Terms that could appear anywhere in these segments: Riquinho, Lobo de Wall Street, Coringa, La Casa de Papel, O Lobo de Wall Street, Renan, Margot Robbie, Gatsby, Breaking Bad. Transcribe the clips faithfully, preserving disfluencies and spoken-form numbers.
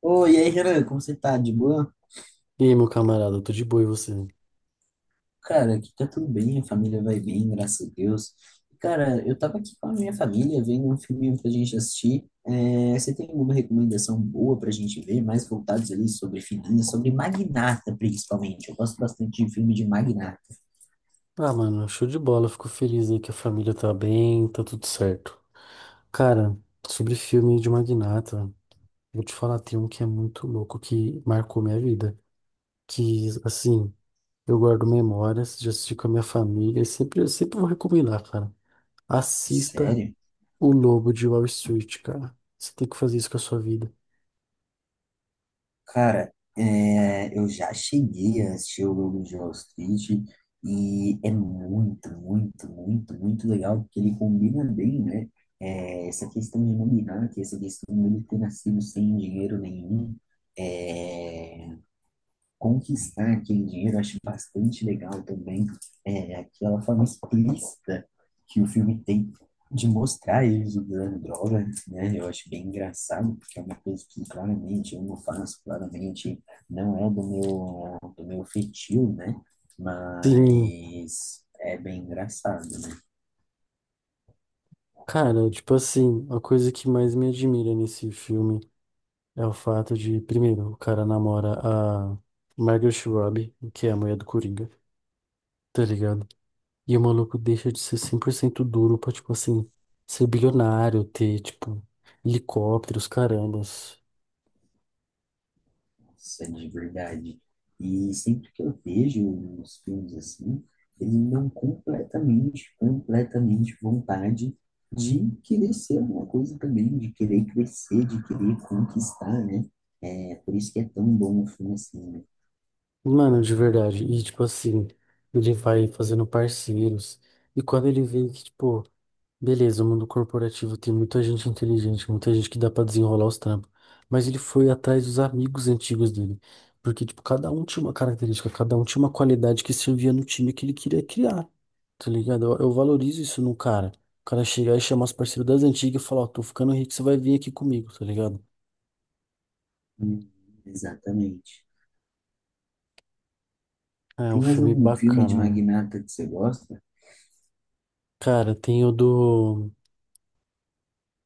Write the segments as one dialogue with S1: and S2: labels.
S1: Oi, e aí, Renan, como você tá? De boa?
S2: E aí, meu camarada, eu tô de boa e você?
S1: Cara, aqui tá tudo bem, a família vai bem, graças a Deus. Cara, eu tava aqui com a minha família vendo um filminho pra gente assistir. É, você tem alguma recomendação boa pra gente ver, mais voltados ali sobre finanças, sobre magnata, principalmente? Eu gosto bastante de filme de magnata.
S2: Ah, mano, show de bola, fico feliz aí que a família tá bem, tá tudo certo. Cara, sobre filme de magnata, vou te falar, tem um que é muito louco, que marcou minha vida. Que, assim, eu guardo memórias, já assisti com a minha família, e sempre, eu sempre vou recomendar, cara. Assista
S1: Sério?
S2: O Lobo de Wall Street, cara. Você tem que fazer isso com a sua vida.
S1: Cara, é, eu já cheguei a assistir o Lobo de Wall Street e é muito, muito, muito, muito legal porque ele combina bem, né? É, essa questão de nominato, essa questão dele ter nascido sem dinheiro nenhum. eh, Conquistar aquele dinheiro, eu acho bastante legal também, é aquela forma explícita que o filme tem de mostrar eles usando droga, né? Eu acho bem engraçado, porque é uma coisa que claramente eu não faço, claramente não é do meu, do meu feitio, né?
S2: Sim,
S1: Mas é bem engraçado, né?
S2: cara, tipo assim, a coisa que mais me admira nesse filme. É o fato de, primeiro, o cara namora a Margot Robbie, que é a mulher do Coringa, tá ligado? E o maluco deixa de ser cem por cento duro pra, tipo assim, ser bilionário, ter, tipo, helicópteros, carambas.
S1: Nossa, de verdade. E sempre que eu vejo os filmes assim, eles me dão completamente, completamente vontade de querer ser alguma coisa também, de querer crescer, de querer conquistar, né? É por isso que é tão bom um filme assim, né?
S2: Mano, de verdade. E, tipo assim, ele vai fazendo parceiros. E quando ele vê que, tipo, beleza, o mundo corporativo tem muita gente inteligente, muita gente que dá pra desenrolar os trampos. Mas ele foi atrás dos amigos antigos dele. Porque, tipo, cada um tinha uma característica, cada um tinha uma qualidade que servia no time que ele queria criar. Tá ligado? Eu, eu valorizo isso num cara. O cara chegar e chamar os parceiros das antigas e falar, ó, tô ficando rico, você vai vir aqui comigo, tá ligado?
S1: Hum, exatamente.
S2: É
S1: Tem
S2: um
S1: mais
S2: filme
S1: algum filme de
S2: bacana, né?
S1: magnata que você gosta?
S2: Cara, tem o do.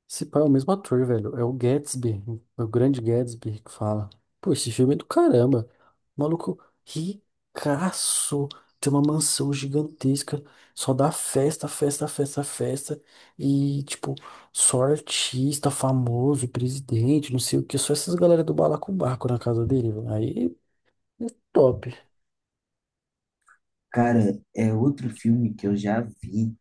S2: Esse pai é o mesmo ator, velho. É o Gatsby, o grande Gatsby que fala. Pô, esse filme é do caramba. Maluco ricaço. Tem uma mansão gigantesca. Só dá festa, festa, festa, festa. E, tipo, só artista famoso, presidente, não sei o que. Só essas galera do balacobaco na casa dele, velho. Aí é top.
S1: Cara, é outro filme que eu já vi.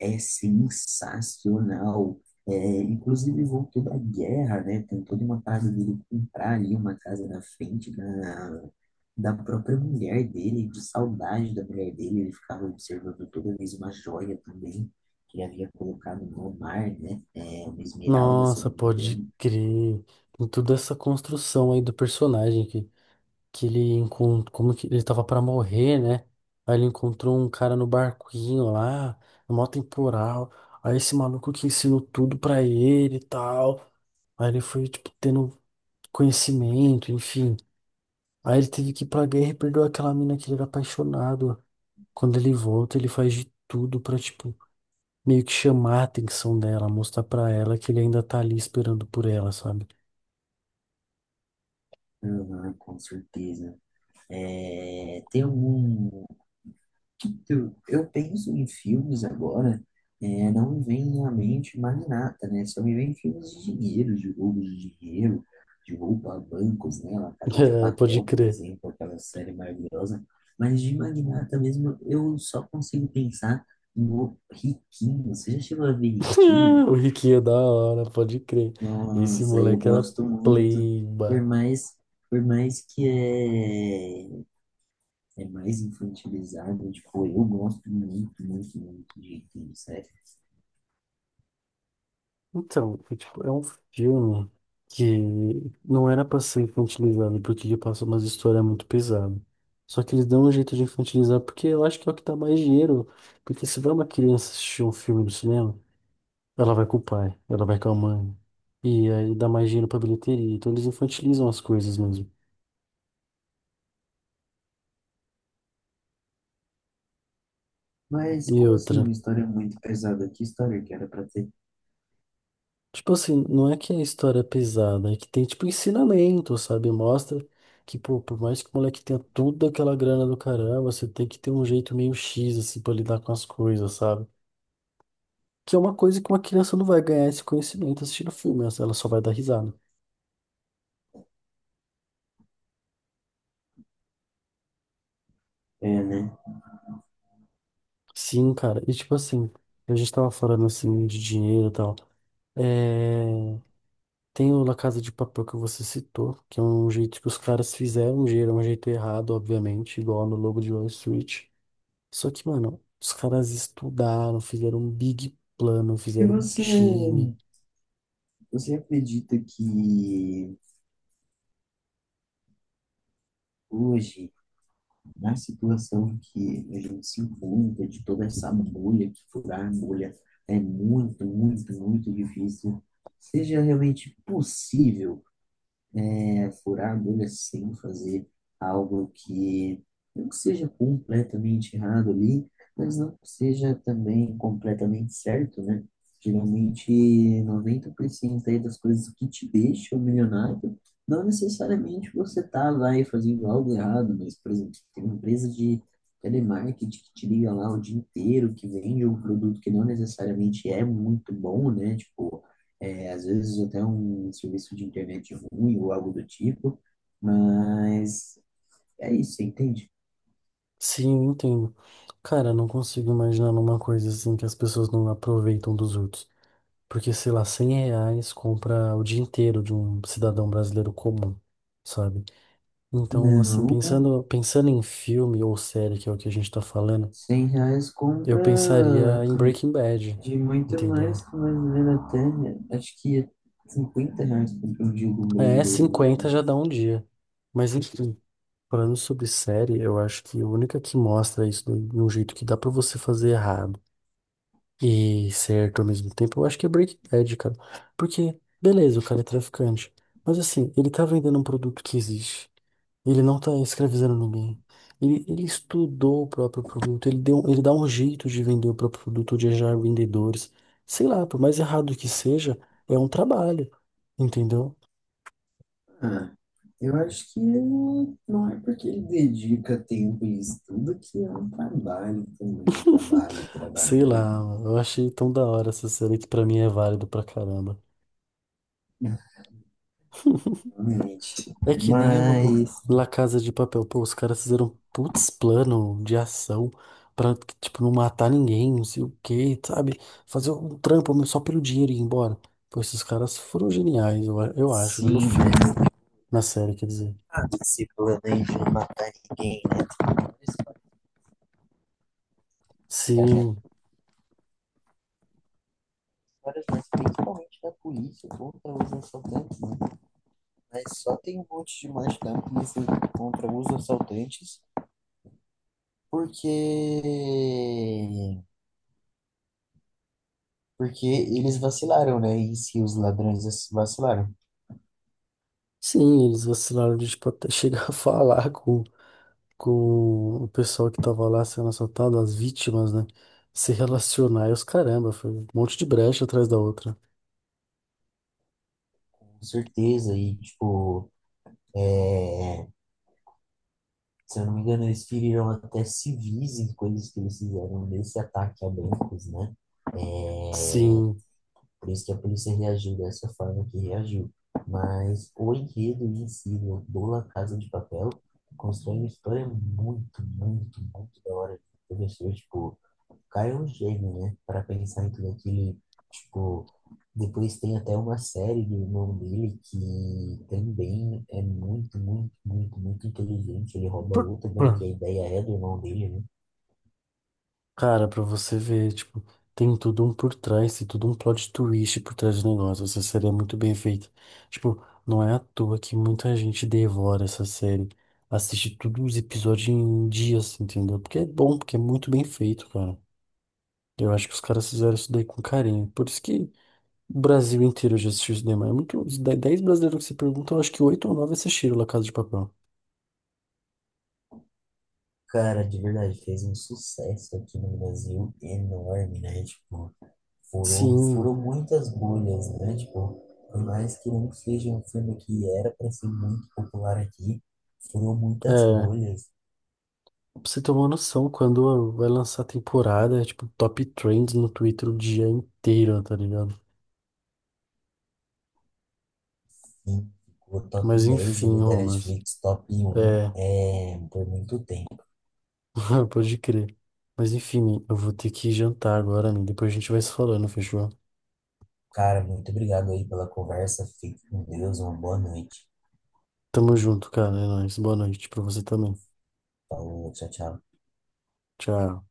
S1: É sensacional. É, inclusive voltou da guerra, né? Tem toda uma parte dele comprar ali uma casa na frente da, da própria mulher dele, de saudade da mulher dele. Ele ficava observando toda vez uma joia também, que ele havia colocado no mar, né? É, uma esmeralda, se eu
S2: Nossa,
S1: não me
S2: pode
S1: engano.
S2: crer. Tem toda essa construção aí do personagem aqui. Que ele encontrou, como que ele tava pra morrer, né? Aí ele encontrou um cara no barquinho lá, no maior temporal. Aí esse maluco que ensinou tudo pra ele e tal. Aí ele foi, tipo, tendo conhecimento, enfim. Aí ele teve que ir pra guerra e perdeu aquela mina que ele era apaixonado. Quando ele volta, ele faz de tudo pra, tipo, meio que chamar a atenção dela, mostrar pra ela que ele ainda tá ali esperando por ela, sabe?
S1: Aham, com certeza. É, tem algum... Eu, eu penso em filmes agora, é, não me vem à mente mais nada, né? Só me vem filmes de dinheiro, de roubo de dinheiro, de roubo a bancos, né? La Casa de
S2: É, pode
S1: Papel, por
S2: crer.
S1: exemplo, aquela série maravilhosa. Mas de magnata mesmo, eu só consigo pensar no Riquinho. Você já chegou a ver Riquinho?
S2: O Riquinho é da hora, pode crer. Esse
S1: Nossa, eu
S2: moleque era
S1: gosto muito, por
S2: pleiba.
S1: mais, por mais que é é mais infantilizado. Tipo, eu gosto muito, muito, muito de Entende Sério.
S2: Então, foi, tipo, é um filme que não era pra ser infantilizado, porque ele passa umas histórias muito pesadas. Só que eles dão um jeito de infantilizar, porque eu acho que é o que dá mais dinheiro. Porque se vai uma criança assistir um filme no cinema, ela vai com o pai, ela vai com a mãe. E aí dá mais dinheiro pra bilheteria. Então eles infantilizam as coisas mesmo.
S1: Mas
S2: E
S1: como assim
S2: outra.
S1: uma história muito pesada? Que história que era pra ter?
S2: Tipo assim, não é que é história é pesada, é que tem, tipo, ensinamento, sabe? Mostra que, pô, por mais que o moleque tenha toda aquela grana do caramba, você tem que ter um jeito meio X, assim, pra lidar com as coisas, sabe? Que é uma coisa que uma criança não vai ganhar esse conhecimento assistindo filme, ela ela só vai dar risada.
S1: É, né?
S2: Sim, cara, e tipo assim, a gente tava falando, assim, de dinheiro e tal. É... Tem o La Casa de Papel que você citou, que é um jeito que os caras fizeram, um jeito, um jeito errado, obviamente, igual no Lobo de Wall Street. Só que, mano, os caras estudaram, fizeram um big plano,
S1: E
S2: fizeram um
S1: você,
S2: time.
S1: você acredita que hoje, na situação que a gente se encontra, de toda essa bolha, que furar a bolha é muito, muito, muito difícil, seja realmente possível é furar a bolha sem fazer algo que não seja completamente errado ali, mas não seja também completamente certo, né? Geralmente, noventa por cento aí das coisas que te deixam milionário, não necessariamente você tá lá e fazendo algo errado, mas, por exemplo, tem uma empresa de telemarketing que te liga lá o dia inteiro, que vende um produto que não necessariamente é muito bom, né? Tipo, é, às vezes até um serviço de internet ruim ou algo do tipo, mas é isso, você entende?
S2: Sim, eu entendo. Cara, não consigo imaginar numa coisa assim que as pessoas não aproveitam dos outros. Porque, sei lá, cem reais compra o dia inteiro de um cidadão brasileiro comum, sabe? Então, assim,
S1: Não,
S2: pensando, pensando em filme ou série, que é o que a gente tá falando,
S1: cem reais
S2: eu
S1: compra
S2: pensaria em Breaking Bad,
S1: de muito
S2: entendeu?
S1: mais que mais ou menos até, acho que é cinquenta reais compra um jogo
S2: É,
S1: brasileiro no
S2: cinquenta já
S1: começo.
S2: dá um dia. Mas enfim. Falando sobre série, eu acho que a única que mostra isso do- de um jeito que dá pra você fazer errado e certo ao mesmo tempo, eu acho que é Breaking Bad, cara. Porque, beleza, o cara é traficante, mas assim, ele tá vendendo um produto que existe. Ele não tá escravizando ninguém. Ele, ele estudou o próprio produto, ele deu, ele dá um jeito de vender o próprio produto, de achar vendedores. Sei lá, por mais errado que seja, é um trabalho, entendeu?
S1: Ah, eu acho que não não é porque ele dedica tempo e estudo que é um trabalho também, trabalho,
S2: Sei
S1: trabalho,
S2: lá, eu achei tão da hora essa série que pra mim é válido pra caramba.
S1: né? Realmente.
S2: É que nem o, o
S1: Mas,
S2: La Casa de Papel. Pô, os caras fizeram um putz plano de ação pra, tipo, não matar ninguém, não sei o quê, sabe? Fazer um trampo mas só pelo dinheiro e ir embora. Pô, esses caras foram geniais, eu, a- eu acho, né? No
S1: sim.
S2: filme, na série, quer dizer.
S1: Ah, se planejam matar ninguém, né? Viajando
S2: Sim,
S1: histórias, mas principalmente da polícia contra os assaltantes, né? Mas só tem um monte de mais da polícia contra os assaltantes porque porque eles vacilaram, né? E se os ladrões vacilaram,
S2: sim, eles vacilaram de, tipo, até chegar a falar com, com o pessoal que tava lá sendo assaltado, as vítimas, né? Se relacionar e os caramba, foi um monte de brecha atrás da outra.
S1: com certeza, e tipo, é, se eu não me engano, eles feriram até civis em coisas que eles fizeram nesse ataque a bancos, né? É,
S2: Sim.
S1: por isso que a polícia reagiu dessa forma que reagiu. Mas o enredo em si né, do La Casa de Papel constrói uma história muito, muito, muito da hora. O professor, tipo, o cara é um gênio, né? Para pensar em tudo aquilo, tipo, depois tem até uma série do irmão dele que também é muito, muito, muito, muito inteligente. Ele rouba outra, né? Que a ideia é do irmão dele, né?
S2: Cara, pra você ver, tipo, tem tudo um por trás, tem tudo um plot twist por trás do negócio. Essa série é muito bem feita. Tipo, não é à toa que muita gente devora essa série. Assiste todos os episódios em dias, entendeu? Porque é bom, porque é muito bem feito, cara. Eu acho que os caras fizeram isso daí com carinho. Por isso que o Brasil inteiro já assistiu isso daí, mas é muito. Os de- dez brasileiros que você pergunta, eu acho que oito ou nove assistiram La Casa de Papel.
S1: Cara, de verdade, fez um sucesso aqui no Brasil enorme, né? Tipo, furou,
S2: Sim,
S1: furou muitas bolhas, né? Tipo, por mais que não seja um filme que era para ser muito popular aqui, furou muitas
S2: é.
S1: bolhas,
S2: Pra você ter uma noção, quando vai lançar a temporada, é tipo top trends no Twitter o dia inteiro, tá ligado?
S1: sim. Ficou top
S2: Mas
S1: dez
S2: enfim,
S1: ali da
S2: Romas.
S1: Netflix, top um
S2: É,
S1: é, por muito tempo.
S2: pode crer. Mas enfim, eu vou ter que jantar agora, né? Depois a gente vai se falando, fechou?
S1: Cara, muito obrigado aí pela conversa. Fique com Deus, uma boa noite.
S2: Tamo junto, cara. É nóis. Boa noite pra você também.
S1: Falou, tchau, tchau.
S2: Tchau.